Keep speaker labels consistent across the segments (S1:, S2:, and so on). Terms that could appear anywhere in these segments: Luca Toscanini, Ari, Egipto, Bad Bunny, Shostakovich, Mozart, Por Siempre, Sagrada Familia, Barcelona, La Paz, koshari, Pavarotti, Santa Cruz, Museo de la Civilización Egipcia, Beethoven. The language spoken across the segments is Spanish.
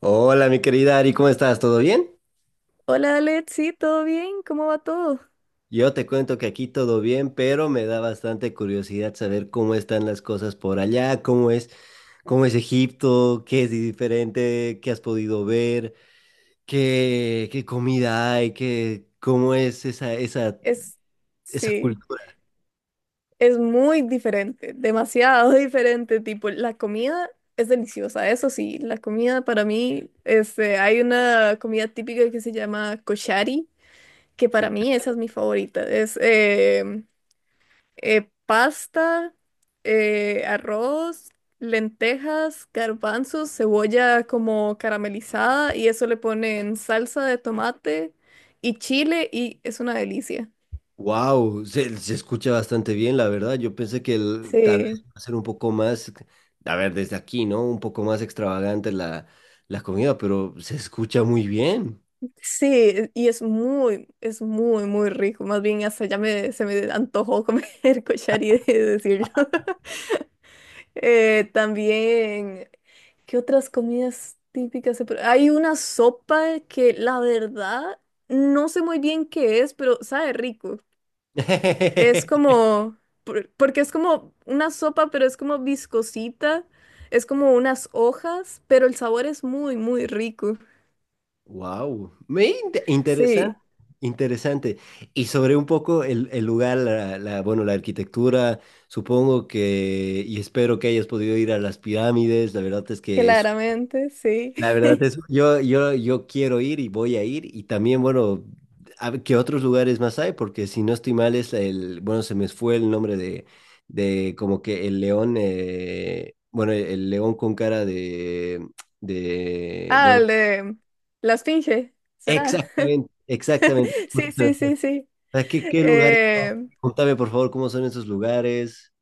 S1: Hola, mi querida Ari, ¿cómo estás? ¿Todo bien?
S2: Hola Alex, sí, ¿todo bien? ¿Cómo va todo?
S1: Yo te cuento que aquí todo bien, pero me da bastante curiosidad saber cómo están las cosas por allá, cómo es Egipto, qué es diferente, qué has podido ver, qué comida hay, qué, cómo es
S2: Es,
S1: esa
S2: sí,
S1: cultura.
S2: es muy diferente, demasiado diferente, tipo, la comida es deliciosa, eso sí, la comida para mí, hay una comida típica que se llama koshari, que para mí esa es mi favorita, es pasta, arroz, lentejas, garbanzos, cebolla como caramelizada y eso le ponen salsa de tomate y chile y es una delicia.
S1: Wow, se escucha bastante bien, la verdad. Yo pensé que tal vez
S2: Sí,
S1: va a ser un poco más, a ver, desde aquí, ¿no? Un poco más extravagante la comida, pero se escucha muy bien.
S2: sí, y es es muy, muy rico. Más bien hasta ya se me antojó comer cochari de decirlo. También, ¿qué otras comidas típicas se pre- Hay una sopa que la verdad no sé muy bien qué es, pero sabe rico. Es como, porque es como una sopa, pero es como viscosita, es como unas hojas, pero el sabor es muy, muy rico.
S1: Wow, interesante,
S2: Sí,
S1: interesante. Y sobre un poco el lugar, bueno, la arquitectura, supongo que, y espero que hayas podido ir a las pirámides, la verdad es que es,
S2: claramente, sí.
S1: la verdad es, yo quiero ir y voy a ir, y también, bueno, a ver qué otros lugares más hay, porque si no estoy mal es el, bueno, se me fue el nombre de como que el león, bueno, el león con cara de,
S2: Ah,
S1: bueno...
S2: el de la esfinge, ¿será?
S1: Exactamente, exactamente. Justo
S2: Sí,
S1: se me
S2: sí,
S1: fue.
S2: sí, sí.
S1: ¿Sabes? ¿ qué lugares son?
S2: Eh,
S1: Pregúntame, por favor, cómo son esos lugares.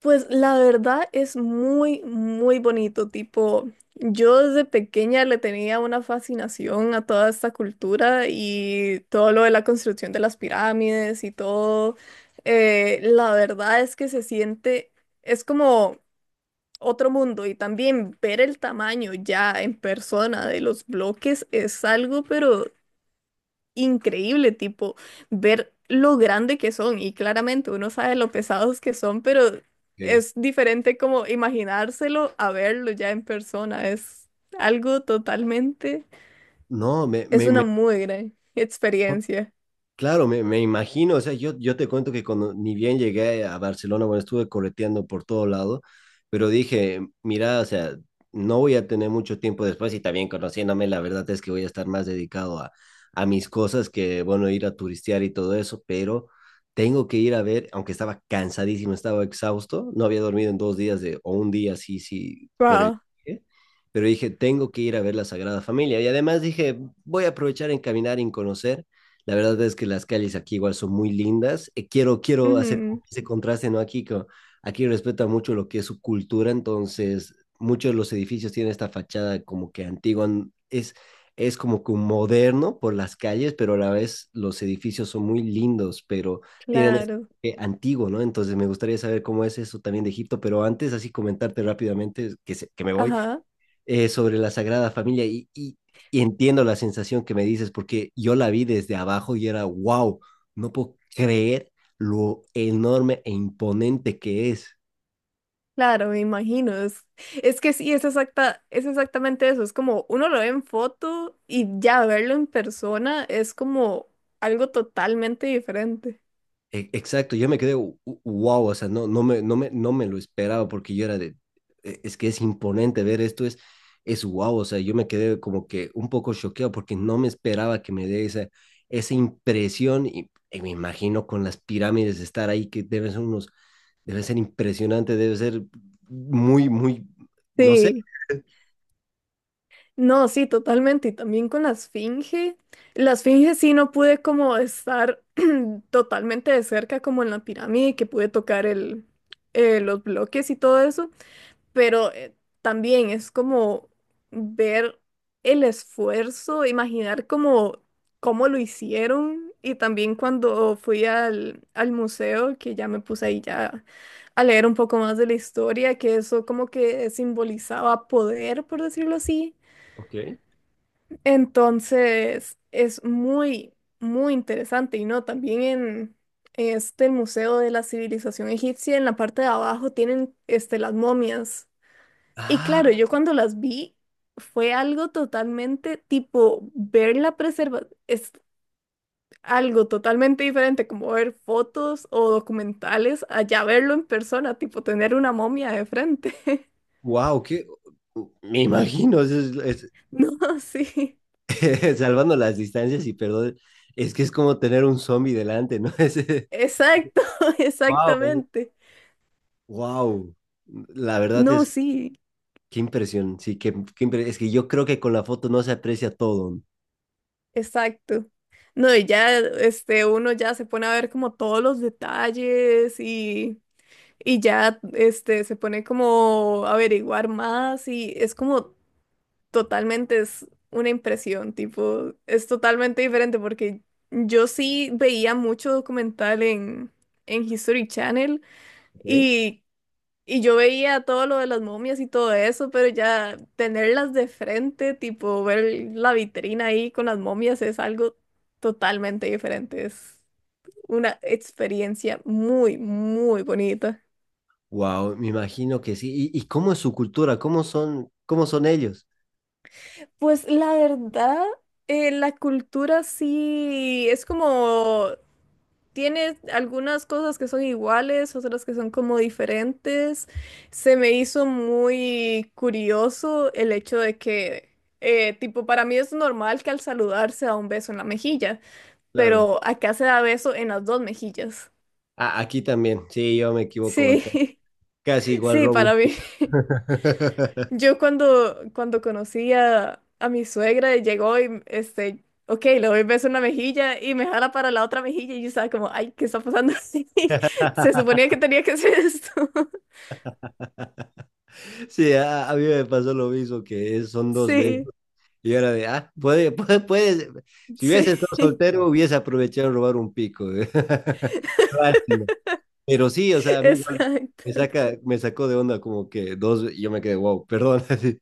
S2: Pues la verdad es muy, muy bonito. Tipo, yo desde pequeña le tenía una fascinación a toda esta cultura y todo lo de la construcción de las pirámides y todo. La verdad es que es como otro mundo y también ver el tamaño ya en persona de los bloques es algo, pero increíble, tipo, ver lo grande que son y claramente uno sabe lo pesados que son, pero
S1: Ok.
S2: es diferente como imaginárselo a verlo ya en persona, algo totalmente,
S1: No,
S2: es una
S1: me-
S2: muy gran experiencia.
S1: Claro, me imagino, o sea, yo te cuento que cuando ni bien llegué a Barcelona, bueno, estuve correteando por todo lado, pero dije, mira, o sea, no voy a tener mucho tiempo después y también conociéndome, la verdad es que voy a estar más dedicado a mis cosas que, bueno, ir a turistear y todo eso, pero tengo que ir a ver, aunque estaba cansadísimo, estaba exhausto, no había dormido en dos días de, o un día, sí, sí, por el
S2: Wow.
S1: viaje, pero dije, tengo que ir a ver la Sagrada Familia y además dije, voy a aprovechar en caminar y en conocer. La verdad es que las calles aquí igual son muy lindas. Quiero hacer como
S2: Ujú,
S1: ese contraste, ¿no? Aquí, co- aquí respeta mucho lo que es su cultura, entonces muchos de los edificios tienen esta fachada como que antigua, n- es como que un moderno por las calles, pero a la vez los edificios son muy lindos, pero tienen ese
S2: claro,
S1: toque antiguo, ¿no? Entonces me gustaría saber cómo es eso también de Egipto, pero antes así comentarte rápidamente, que, se- que me voy,
S2: ajá.
S1: sobre la Sagrada Familia y entiendo la sensación que me dices porque yo la vi desde abajo y era, wow, no puedo creer lo enorme e imponente que es.
S2: Claro, me imagino. Es que sí, es exactamente eso. Es como uno lo ve en foto y ya verlo en persona es como algo totalmente diferente.
S1: E- Exacto, yo me quedé wow, o sea, no, no me lo esperaba porque yo era de, "E- es que es imponente ver esto, es wow, o sea, yo me quedé como que un poco choqueado porque no me esperaba que me dé esa, esa impresión y me imagino con las pirámides estar ahí que deben ser unos... Debe ser impresionante, debe ser muy, muy, no sé.
S2: Sí. No, sí, totalmente. Y también con la esfinge. La esfinge sí no pude como estar totalmente de cerca como en la pirámide, que pude tocar los bloques y todo eso. Pero también es como ver el esfuerzo, imaginar como cómo lo hicieron. Y también cuando fui al museo, que ya me puse ahí ya a leer un poco más de la historia, que eso como que simbolizaba poder, por decirlo así,
S1: Ok.
S2: entonces, es muy, muy interesante. Y no, también en, Este el Museo de la Civilización Egipcia, en la parte de abajo, tienen este, las momias. Y claro,
S1: Ah,
S2: yo cuando las vi, fue algo totalmente tipo ver la preserva, es algo totalmente diferente como ver fotos o documentales, allá verlo en persona, tipo tener una momia de frente.
S1: wow, qué, me imagino, es-
S2: No, sí,
S1: salvando las distancias y perdón, es que es como tener un zombie delante, ¿no? Es,
S2: exacto,
S1: wow.
S2: exactamente.
S1: Wow, la verdad
S2: No,
S1: es,
S2: sí.
S1: qué impresión, sí, qué, qué impre- es que yo creo que con la foto no se aprecia todo.
S2: Exacto. No, y ya este, uno ya se pone a ver como todos los detalles y ya este, se pone como a averiguar más y es como totalmente es una impresión, tipo, es totalmente diferente porque yo sí veía mucho documental en History Channel
S1: Ok.
S2: y y yo veía todo lo de las momias y todo eso, pero ya tenerlas de frente, tipo ver la vitrina ahí con las momias es algo totalmente diferente. Es una experiencia muy, muy bonita.
S1: Wow, me imagino que sí. Y cómo es su cultura? Cómo son ellos?
S2: Pues la verdad, la cultura sí es como tiene algunas cosas que son iguales, otras que son como diferentes. Se me hizo muy curioso el hecho de que, tipo, para mí es normal que al saludar se da un beso en la mejilla,
S1: Claro.
S2: pero acá se da beso en las dos mejillas.
S1: Ah, aquí también, sí, yo me equivoco bastante.
S2: Sí,
S1: Casi igual
S2: sí,
S1: robo.
S2: para mí. Cuando conocí a mi suegra, llegó y, este, ok, le doy beso en una mejilla y me jala para la otra mejilla y yo estaba como, ay, ¿qué está pasando? Se suponía que tenía que hacer esto.
S1: Sí, a mí me pasó lo mismo, que es- son dos veces.
S2: Sí,
S1: Y ahora de, ah, puede, puede, puede. Si hubiese
S2: sí.
S1: estado soltero, hubiese aprovechado de robar un pico. Lástima. Pero sí, o sea, a mí igual
S2: Exacto.
S1: me sacó de onda como que dos, y yo me quedé, wow, perdón, así,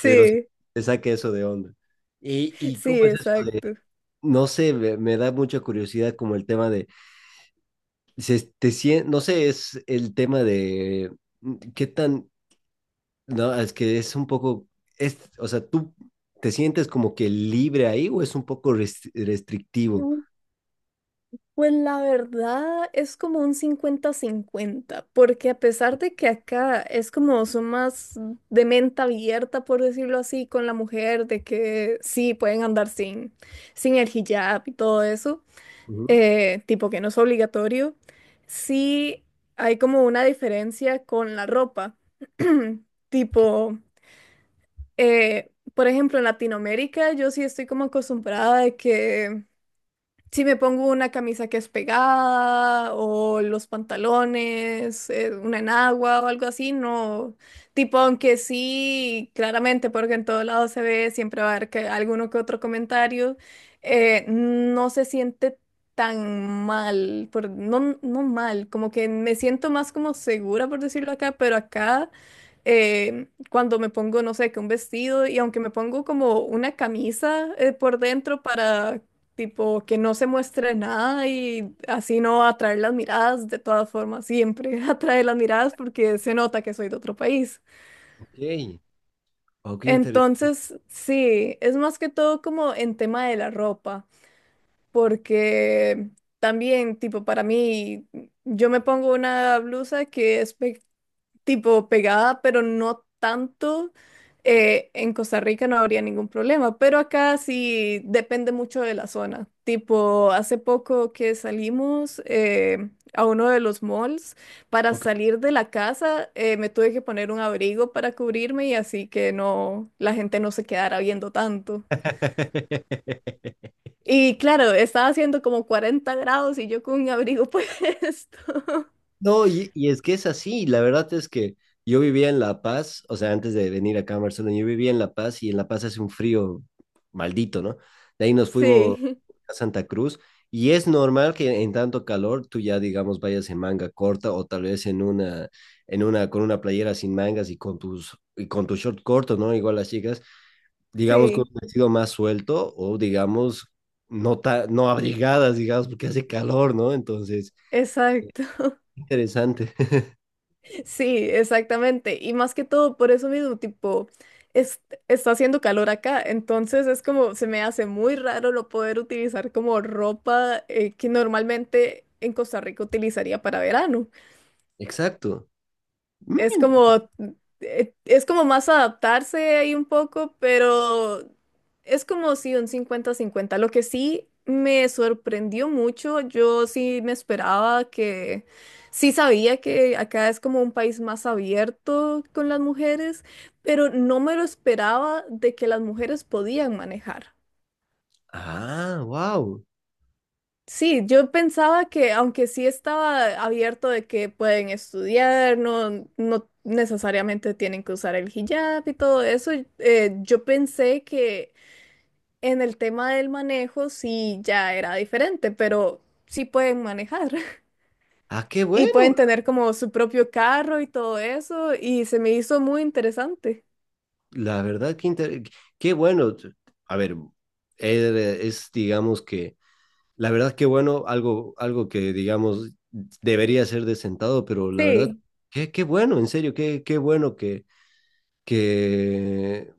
S1: pero sí,
S2: Sí,
S1: me saca eso de onda. Y cómo
S2: sí,
S1: es eso de,
S2: exacto.
S1: no sé, me da mucha curiosidad como el tema de, se, te sien- no sé, es el tema de qué tan... No, es que es un poco, es, o sea, ¿tú te sientes como que libre ahí o es un poco rest- restrictivo?
S2: Mm, Pues la verdad es como un cincuenta-cincuenta, porque a pesar de que acá es como son más de mente abierta, por decirlo así, con la mujer, de que sí pueden andar sin el hijab y todo eso,
S1: Ujú.
S2: tipo que no es obligatorio, sí hay como una diferencia con la ropa. Tipo. Por ejemplo, en Latinoamérica yo sí estoy como acostumbrada de que si me pongo una camisa que es pegada o los pantalones, una enagua o algo así, no. Tipo, aunque sí, claramente, porque en todo lado se ve, siempre va a haber alguno que otro comentario, no se siente tan mal, no, no mal, como que me siento más como segura, por decirlo acá, pero acá cuando me pongo, no sé, que un vestido y aunque me pongo como una camisa por dentro para tipo, que no se muestre nada y así no va a atraer las miradas, de todas formas, siempre atrae las miradas porque se nota que soy de otro país.
S1: Ok, ok, ok, interesante.
S2: Entonces, sí, es más que todo como en tema de la ropa, porque también, tipo, para mí, yo me pongo una blusa que tipo pegada, pero no tanto, en Costa Rica no habría ningún problema, pero acá sí depende mucho de la zona. Tipo, hace poco que salimos a uno de los malls, para salir de la casa me tuve que poner un abrigo para cubrirme y así que no, la gente no se quedara viendo tanto. Y claro, estaba haciendo como 40 grados y yo con un abrigo puesto.
S1: No, y es que es así, la verdad es que yo vivía en La Paz, o sea, antes de venir acá a Barcelona, yo vivía en La Paz y en La Paz hace un frío maldito, ¿no? De ahí nos fuimos
S2: Sí,
S1: a Santa Cruz y es normal que en tanto calor tú ya, digamos, vayas en manga corta o tal vez en una, con una playera sin mangas y con tus, y con tu short corto, ¿no? Igual las chicas, digamos, con
S2: sí,
S1: un vestido más suelto o, digamos, no, ta- no abrigadas, digamos, porque hace calor, ¿no? Entonces,
S2: exacto.
S1: interesante.
S2: Sí, exactamente. Y más que todo, por eso mismo, tipo, es- está haciendo calor acá, entonces es como, se me hace muy raro lo poder utilizar como ropa que normalmente en Costa Rica utilizaría para verano.
S1: Exacto.
S2: Es
S1: Mm,
S2: como, es como más adaptarse ahí un poco, pero es como si un cincuenta-cincuenta. Lo que sí me sorprendió mucho, yo sí me esperaba sí sabía que acá es como un país más abierto con las mujeres, pero no me lo esperaba de que las mujeres podían manejar.
S1: ah, wow.
S2: Sí, yo pensaba que aunque sí estaba abierto de que pueden estudiar, no, no necesariamente tienen que usar el hijab y todo eso, yo pensé que en el tema del manejo sí ya era diferente, pero sí pueden manejar
S1: Ah, qué
S2: y
S1: bueno.
S2: pueden tener como su propio carro y todo eso y se me hizo muy interesante.
S1: La verdad, que inter- qué bueno. A ver, es, digamos que, la verdad, qué bueno, algo, algo que, digamos, debería ser de sentado, pero la verdad,
S2: Sí.
S1: qué, qué bueno, en serio, qué, qué bueno que,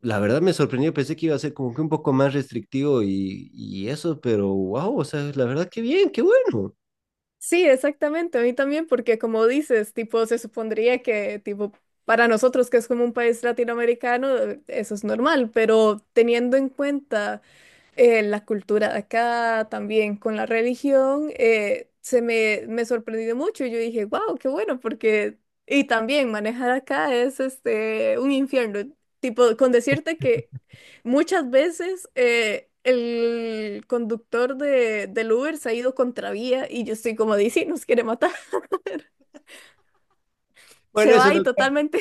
S1: la verdad me sorprendió, pensé que iba a ser como que un poco más restrictivo y eso, pero wow, o sea, la verdad, qué bien, qué bueno.
S2: Sí, exactamente, a mí también, porque como dices, tipo, se supondría que, tipo, para nosotros que es como un país latinoamericano, eso es normal, pero teniendo en cuenta la cultura de acá, también con la religión, me sorprendió mucho. Yo dije, wow, qué bueno, porque... Y también manejar acá es este, un infierno. Tipo, con decirte que muchas veces el conductor del Uber se ha ido contravía y yo estoy como, dice, nos quiere matar.
S1: Bueno,
S2: Se
S1: eso
S2: va y
S1: no,
S2: totalmente.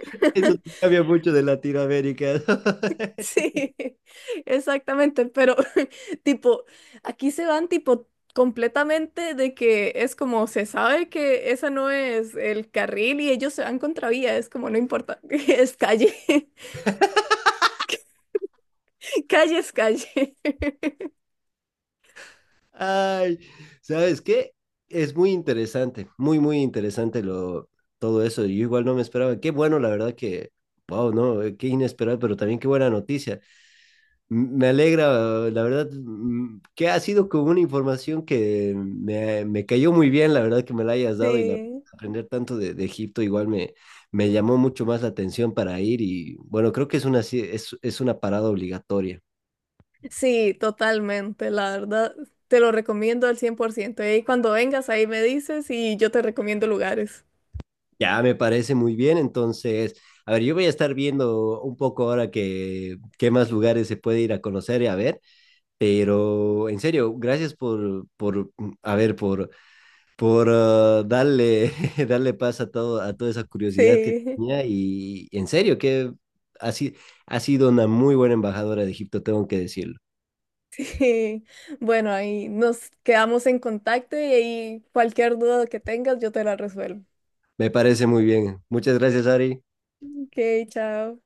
S1: eso no cambia mucho de Latinoamérica.
S2: Sí, exactamente, pero tipo, aquí se van tipo completamente de que es como se sabe que esa no es el carril y ellos se van contravía, es como no importa, es calle, calle es calle.
S1: Ay, ¿sabes qué? Es muy interesante, muy, muy interesante lo, todo eso. Yo igual no me esperaba. Qué bueno, la verdad que, wow, no, qué inesperado, pero también qué buena noticia. M- Me alegra, la verdad, que ha sido como una información que me cayó muy bien, la verdad que me la hayas dado y la,
S2: Sí,
S1: aprender tanto de Egipto igual me, me llamó mucho más la atención para ir y bueno, creo que es una, ci- es una parada obligatoria.
S2: sí, totalmente, la verdad, te lo recomiendo al 100%. Y cuando vengas ahí me dices y yo te recomiendo lugares.
S1: Ya me parece muy bien, entonces, a ver, yo voy a estar viendo un poco ahora que qué más lugares se puede ir a conocer y a ver, pero en serio, gracias por, a ver, por ah, darle, darle paz a todo, a toda esa curiosidad que
S2: Sí.
S1: tenía y en serio que ha, si- ha sido una muy buena embajadora de Egipto, tengo que decirlo.
S2: Sí, bueno, ahí nos quedamos en contacto y ahí cualquier duda que tengas yo te la resuelvo.
S1: Me parece muy bien. Muchas gracias, Ari.
S2: Ok, chao.